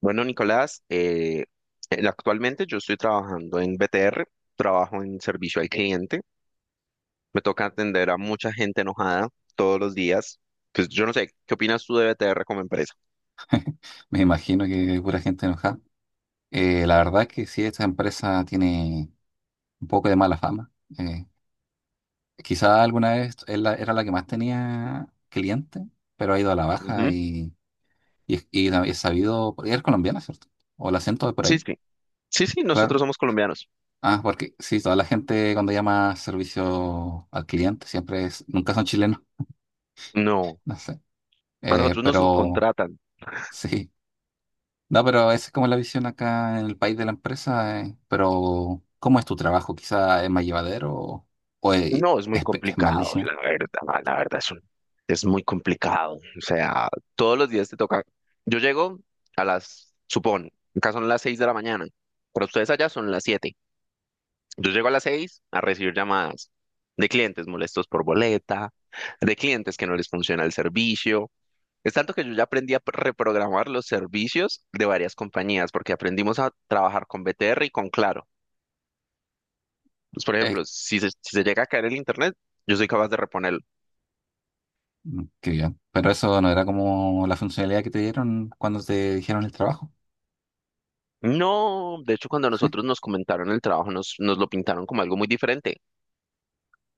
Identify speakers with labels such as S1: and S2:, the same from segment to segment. S1: Bueno, Nicolás, actualmente yo estoy trabajando en BTR, trabajo en servicio al cliente. Me toca atender a mucha gente enojada todos los días. Pues yo no sé, ¿qué opinas tú de BTR como empresa?
S2: Me imagino que hay pura gente enojada. La verdad es que sí, esta empresa tiene un poco de mala fama. Eh, Quizá alguna vez era la que más tenía clientes, pero ha ido a la baja
S1: Ujú.
S2: y es sabido, porque es colombiana, ¿cierto? O el acento de por
S1: Sí,
S2: ahí,
S1: sí. Sí, sí, nosotros
S2: claro.
S1: somos colombianos.
S2: Ah, porque sí, toda la gente cuando llama servicio al cliente siempre es, nunca son chilenos,
S1: No,
S2: no sé.
S1: a nosotros nos
S2: Pero
S1: subcontratan.
S2: sí. No, pero esa es como la visión acá en el país de la empresa, Pero, ¿cómo es tu trabajo? ¿Quizá es más llevadero o es,
S1: No, es muy
S2: es es
S1: complicado,
S2: malísimo?
S1: la verdad, es muy complicado. O sea, todos los días te toca. Yo llego a las, supón, acá son las seis de la mañana, pero ustedes allá son las siete. Yo llego a las seis a recibir llamadas de clientes molestos por boleta, de clientes que no les funciona el servicio. Es tanto que yo ya aprendí a reprogramar los servicios de varias compañías, porque aprendimos a trabajar con BTR y con Claro. Pues, por
S2: Eh,
S1: ejemplo, si se llega a caer el internet, yo soy capaz de reponerlo.
S2: mm, qué bien. Pero eso no era como la funcionalidad que te dieron cuando te dijeron el trabajo.
S1: No, de hecho, cuando a nosotros nos comentaron el trabajo, nos lo pintaron como algo muy diferente.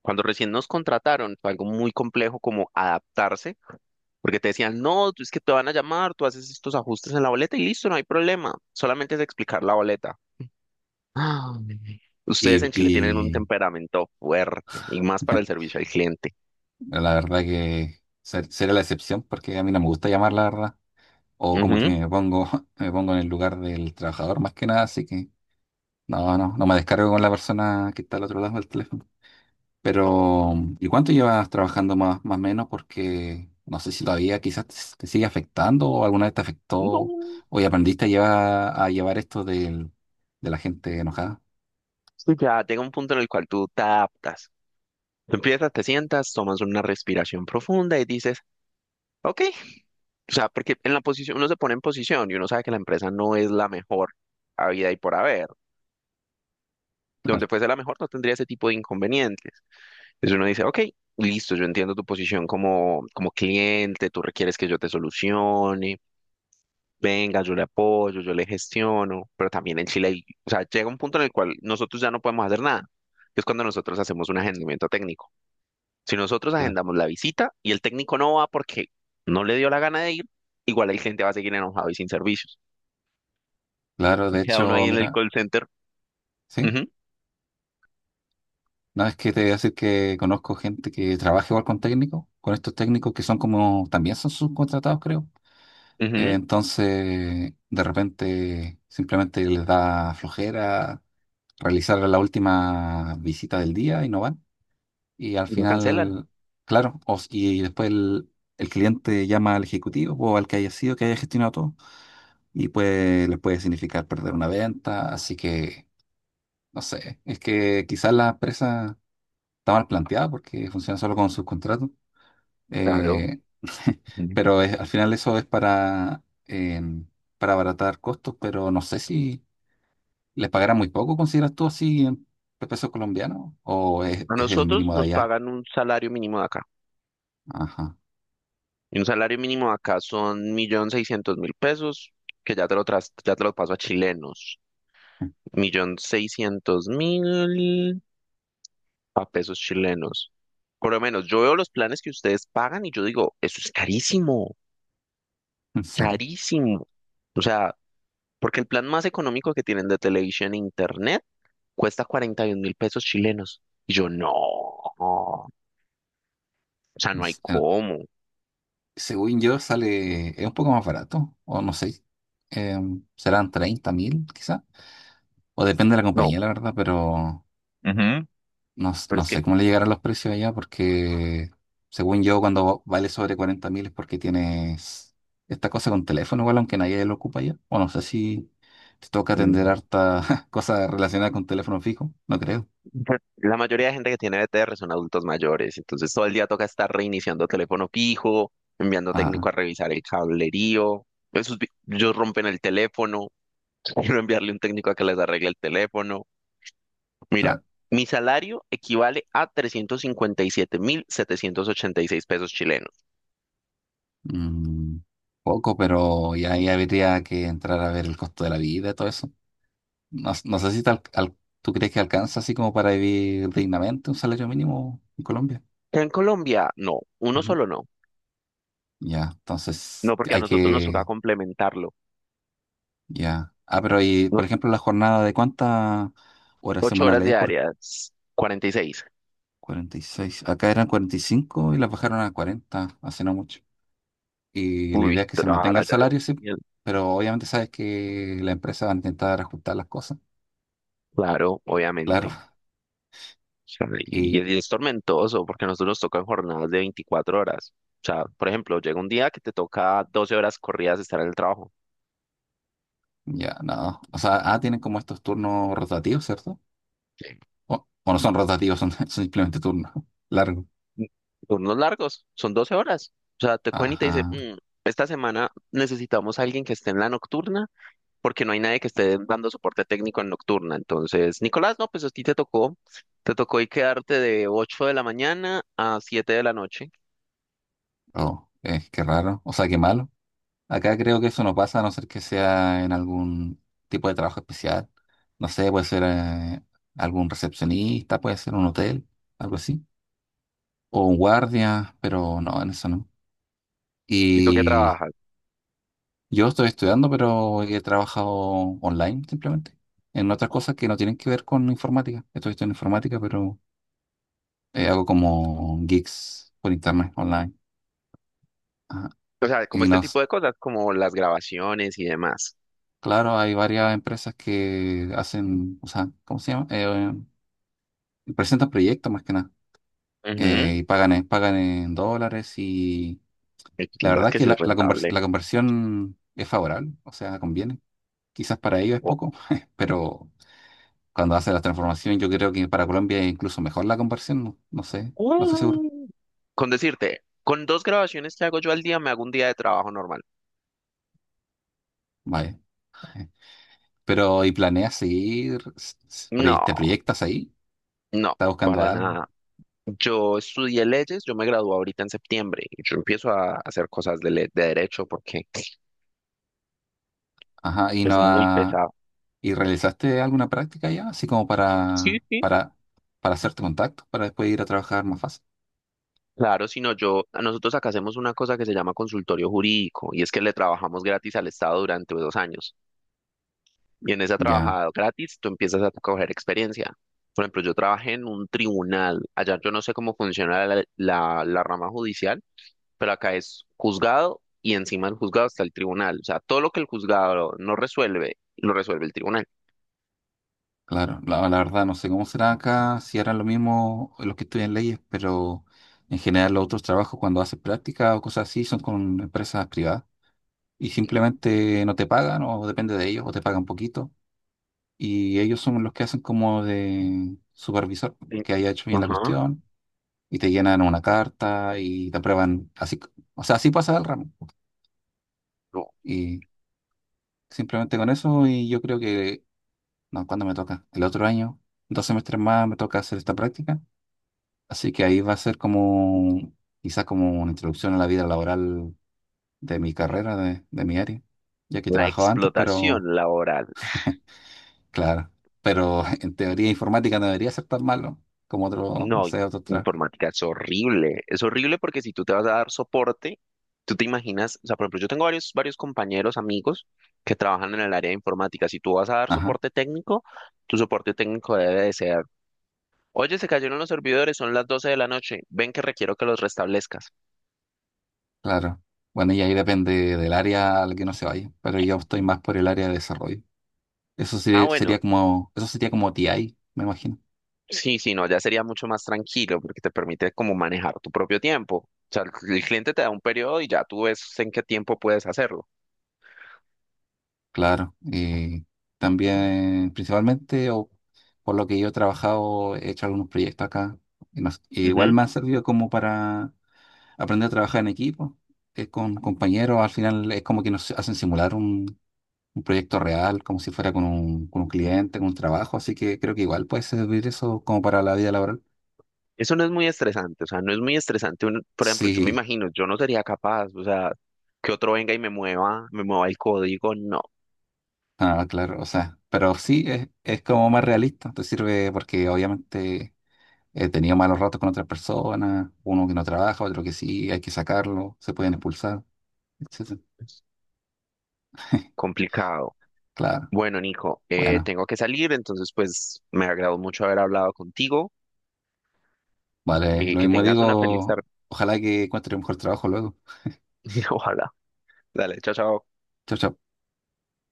S1: Cuando recién nos contrataron, fue algo muy complejo como adaptarse, porque te decían, no, tú es que te van a llamar, tú haces estos ajustes en la boleta y listo, no hay problema, solamente es explicar la boleta. Ah,
S2: Y,
S1: ustedes en Chile tienen un
S2: y
S1: temperamento fuerte y más para el servicio al cliente.
S2: la verdad que sería la excepción porque a mí no me gusta llamar, la verdad. O como que
S1: Ujú.
S2: me pongo, me pongo en el lugar del trabajador más que nada, así que no me descargo con la persona que está al otro lado del teléfono. Pero, ¿y cuánto llevas trabajando más, más o menos? Porque no sé si todavía quizás te sigue afectando o alguna vez te afectó
S1: No,
S2: o ya aprendiste a llevar de la gente enojada.
S1: sí, ya llega un punto en el cual tú te adaptas. Tú empiezas, te sientas, tomas una respiración profunda y dices, ok. O sea, porque en la posición, uno se pone en posición y uno sabe que la empresa no es la mejor habida y por haber. Donde fuese la mejor no tendría ese tipo de inconvenientes. Entonces uno dice, ok, listo, yo entiendo tu posición como, como cliente, tú requieres que yo te solucione, venga, yo le apoyo, yo le gestiono, pero también en Chile, o sea, llega un punto en el cual nosotros ya no podemos hacer nada, que es cuando nosotros hacemos un agendamiento técnico. Si nosotros
S2: Claro, claro.
S1: agendamos la visita y el técnico no va porque no le dio la gana de ir, igual el cliente va a seguir enojado y sin servicios.
S2: Claro, de
S1: Queda uno ahí
S2: hecho,
S1: en el
S2: mira,
S1: call center.
S2: sí,
S1: Ujú,
S2: no es que te voy a decir que conozco gente que trabaja igual con técnicos, con estos técnicos que son como, también son subcontratados, creo. Eh,
S1: ujú,
S2: Entonces, de repente, simplemente les da flojera realizar la última visita del día y no van. Y al
S1: y lo cancelan.
S2: final, claro, y después el cliente llama al ejecutivo o al que haya sido, que haya gestionado todo, y pues les puede significar perder una venta. Así que, no sé, es que quizás la empresa está mal planteada porque funciona solo con subcontratos.
S1: Claro.
S2: eh,
S1: Ujú.
S2: pero al final eso es para, em, para abaratar costos, pero no sé si les pagarán muy poco, ¿consideras tú así en pesos colombianos? ¿O
S1: A
S2: es el
S1: nosotros
S2: mínimo de
S1: nos
S2: allá?
S1: pagan un salario mínimo de acá.
S2: Ajá,
S1: Y un salario mínimo de acá son 1.600.000 pesos, que ya te lo tras, ya te lo paso a chilenos. 1.600.000 a pesos chilenos. Por lo menos, yo veo los planes que ustedes pagan y yo digo, eso es carísimo.
S2: ¿en serio?
S1: Carísimo. O sea, porque el plan más económico que tienen de televisión e internet cuesta 41 mil pesos chilenos. Y yo, no, o sea, no hay
S2: S- eh,
S1: cómo.
S2: Según yo, sale, es un poco más barato, o no sé, serán 30.000 quizá, o depende de la
S1: No,
S2: compañía, la verdad, pero
S1: ujú,
S2: no,
S1: pero
S2: no
S1: es que
S2: sé cómo le llegarán los precios allá, porque según yo, cuando vale sobre 40.000 es porque tienes esta cosa con teléfono, igual, aunque nadie lo ocupa allá, o no sé si te toca atender
S1: mm,
S2: harta cosa relacionada con teléfono fijo, no creo.
S1: la mayoría de gente que tiene BTR son adultos mayores, entonces todo el día toca estar reiniciando teléfono fijo, enviando técnico a
S2: Ah,
S1: revisar el cablerío. Esos, ellos rompen el teléfono, quiero enviarle un técnico a que les arregle el teléfono. Mira,
S2: claro.
S1: mi salario equivale a trescientos cincuenta y siete mil setecientos ochenta y seis pesos chilenos.
S2: Mm, poco, pero ya, ya habría que entrar a ver el costo de la vida, todo eso. No, no sé si tú crees que alcanza así como para vivir dignamente un salario mínimo en Colombia.
S1: En Colombia, no, uno
S2: Ujú.
S1: solo no.
S2: Ya,
S1: No,
S2: entonces
S1: porque a
S2: hay
S1: nosotros nos toca
S2: que,
S1: complementarlo.
S2: ya. Ah, pero y,
S1: No-
S2: por ejemplo, la jornada de cuántas horas
S1: Ocho horas
S2: semanales es por
S1: diarias, 46.
S2: 46. Acá eran 45 y las bajaron a 40 hace no mucho. Y la idea es
S1: Uy,
S2: que se
S1: trabajar
S2: mantenga el
S1: allá es
S2: salario, sí,
S1: genial.
S2: pero obviamente sabes que la empresa va a intentar ajustar las cosas.
S1: Claro,
S2: Claro.
S1: obviamente. Sea,
S2: Y
S1: y es tormentoso porque a nosotros nos tocan jornadas de 24 horas. O sea, por ejemplo, llega un día que te toca 12 horas corridas estar en el trabajo.
S2: ya, no. O sea, ah, tienen como estos turnos rotativos, ¿cierto? O no son rotativos, son, son simplemente turnos largos.
S1: Mm. Turnos largos, son 12 horas. O sea, te cogen y te dicen,
S2: Ajá.
S1: "Mm, esta semana necesitamos a alguien que esté en la nocturna porque no hay nadie que esté dando soporte técnico en nocturna. Entonces, Nicolás, no, pues a ti te tocó. Te tocó y quedarte de 8 de la mañana a 7 de la noche.
S2: Oh, es que raro. O sea, qué malo. Acá creo que eso no pasa a no ser que sea en algún tipo de trabajo especial. No sé, puede ser algún recepcionista, puede ser un hotel, algo así. O un guardia, pero no, en eso no.
S1: ¿Y tú en qué
S2: Y
S1: trabajas?
S2: yo estoy estudiando, pero he trabajado online simplemente. En otras cosas que no tienen que ver con informática. Estoy estudiando informática, pero hago como gigs por internet online. Ajá.
S1: O sea, como
S2: Y
S1: este tipo
S2: nos,
S1: de cosas, como las grabaciones y demás.
S2: claro, hay varias empresas que hacen, o sea, ¿cómo se llama? Presentan proyectos más que nada.
S1: Ujú.
S2: Y pagan en, pagan en dólares y
S1: Es la
S2: la
S1: verdad
S2: verdad es
S1: que
S2: que
S1: sí es
S2: la
S1: rentable.
S2: la conversión es favorable, o sea, conviene. Quizás para ellos es
S1: O-
S2: poco, pero cuando hacen la transformación yo creo que para Colombia es incluso mejor la conversión, no, no sé, no estoy seguro.
S1: Mm. Con decirte, con dos grabaciones que hago yo al día, me hago un día de trabajo normal.
S2: Vaya. eh. Pero, ¿y planeas seguir? ¿Te
S1: No,
S2: proyectas ahí?
S1: no,
S2: ¿Estás buscando
S1: para
S2: algo?
S1: nada. Yo estudié leyes, yo me gradué ahorita en septiembre y yo empiezo a hacer cosas de, de derecho porque
S2: Ajá, y
S1: es
S2: no.
S1: muy pesado.
S2: ¿Y realizaste alguna práctica ya? Así como
S1: Sí, sí.
S2: para hacerte contacto, para después ir a trabajar más fácil.
S1: Claro, sino yo, nosotros acá hacemos una cosa que se llama consultorio jurídico y es que le trabajamos gratis al Estado durante 2 años. Y en esa
S2: Ya,
S1: trabajada gratis tú empiezas a coger experiencia. Por ejemplo, yo trabajé en un tribunal. Allá yo no sé cómo funciona la rama judicial, pero acá es juzgado y encima del juzgado está el tribunal. O sea, todo lo que el juzgado no resuelve, lo resuelve el tribunal.
S2: claro. La verdad, no sé cómo será acá, si harán lo mismo los que estudian leyes, pero en general los otros trabajos cuando haces práctica o cosas así son con empresas privadas y simplemente no te pagan o depende de ellos o te pagan poquito. Y ellos son los que hacen como de supervisor,
S1: Sí.
S2: que haya hecho bien la
S1: Ajá.
S2: cuestión y te llenan una carta y te aprueban así. O sea, así pasa el ramo.
S1: No,
S2: Y Simplemente con eso y yo creo que, no, ¿cuándo me toca? El otro año, dos semestres más me toca hacer esta práctica. Así que ahí va a ser como, quizás como una introducción a la vida laboral de mi carrera, de mi área, ya que he
S1: la
S2: trabajado antes, pero
S1: explotación laboral.
S2: claro, pero en teoría informática no debería ser tan malo como otro, no
S1: No,
S2: sé, otro trabajo.
S1: informática es horrible. Es horrible porque si tú te vas a dar soporte, tú te imaginas, o sea, por ejemplo, yo tengo varios compañeros, amigos que trabajan en el área de informática. Si tú vas a dar
S2: Ajá,
S1: soporte técnico, tu soporte técnico debe de ser, oye, se cayeron los servidores, son las 12 de la noche, ven que requiero que los restablezcas.
S2: claro. Bueno, y ahí depende del área al que no se vaya, pero yo estoy más por el área de desarrollo.
S1: Ah,
S2: Sería
S1: bueno,
S2: como, eso sería como TI, me imagino.
S1: sí, no, ya sería mucho más tranquilo porque te permite como manejar tu propio tiempo. O sea, el cliente te da un periodo y ya tú ves en qué tiempo puedes hacerlo.
S2: Claro, y también principalmente, o por lo que yo he trabajado, he hecho algunos proyectos acá. Y igual
S1: Ujú.
S2: me ha servido como para aprender a trabajar en equipo, con compañeros. Al final es como que nos hacen simular un proyecto real, como si fuera con un cliente, con un trabajo. Así que creo que igual puede servir eso como para la vida laboral.
S1: Eso no es muy estresante, o sea, no es muy estresante. Por ejemplo, yo me
S2: Sí,
S1: imagino, yo no sería capaz, o sea, que otro venga y me mueva el código, no,
S2: ah, claro, o sea, pero sí es como más realista. Te sirve porque obviamente he tenido malos ratos con otras personas, uno que no trabaja, otro que sí, hay que sacarlo, se pueden expulsar, etcétera.
S1: complicado.
S2: Claro,
S1: Bueno, Nico,
S2: bueno,
S1: tengo que salir, entonces pues me agradó mucho haber hablado contigo
S2: vale,
S1: y
S2: lo
S1: que
S2: mismo
S1: tengas una feliz
S2: digo,
S1: tarde.
S2: ojalá que encuentre un mejor trabajo luego.
S1: Ojalá. Dale, chao, chao.
S2: Chao, chao.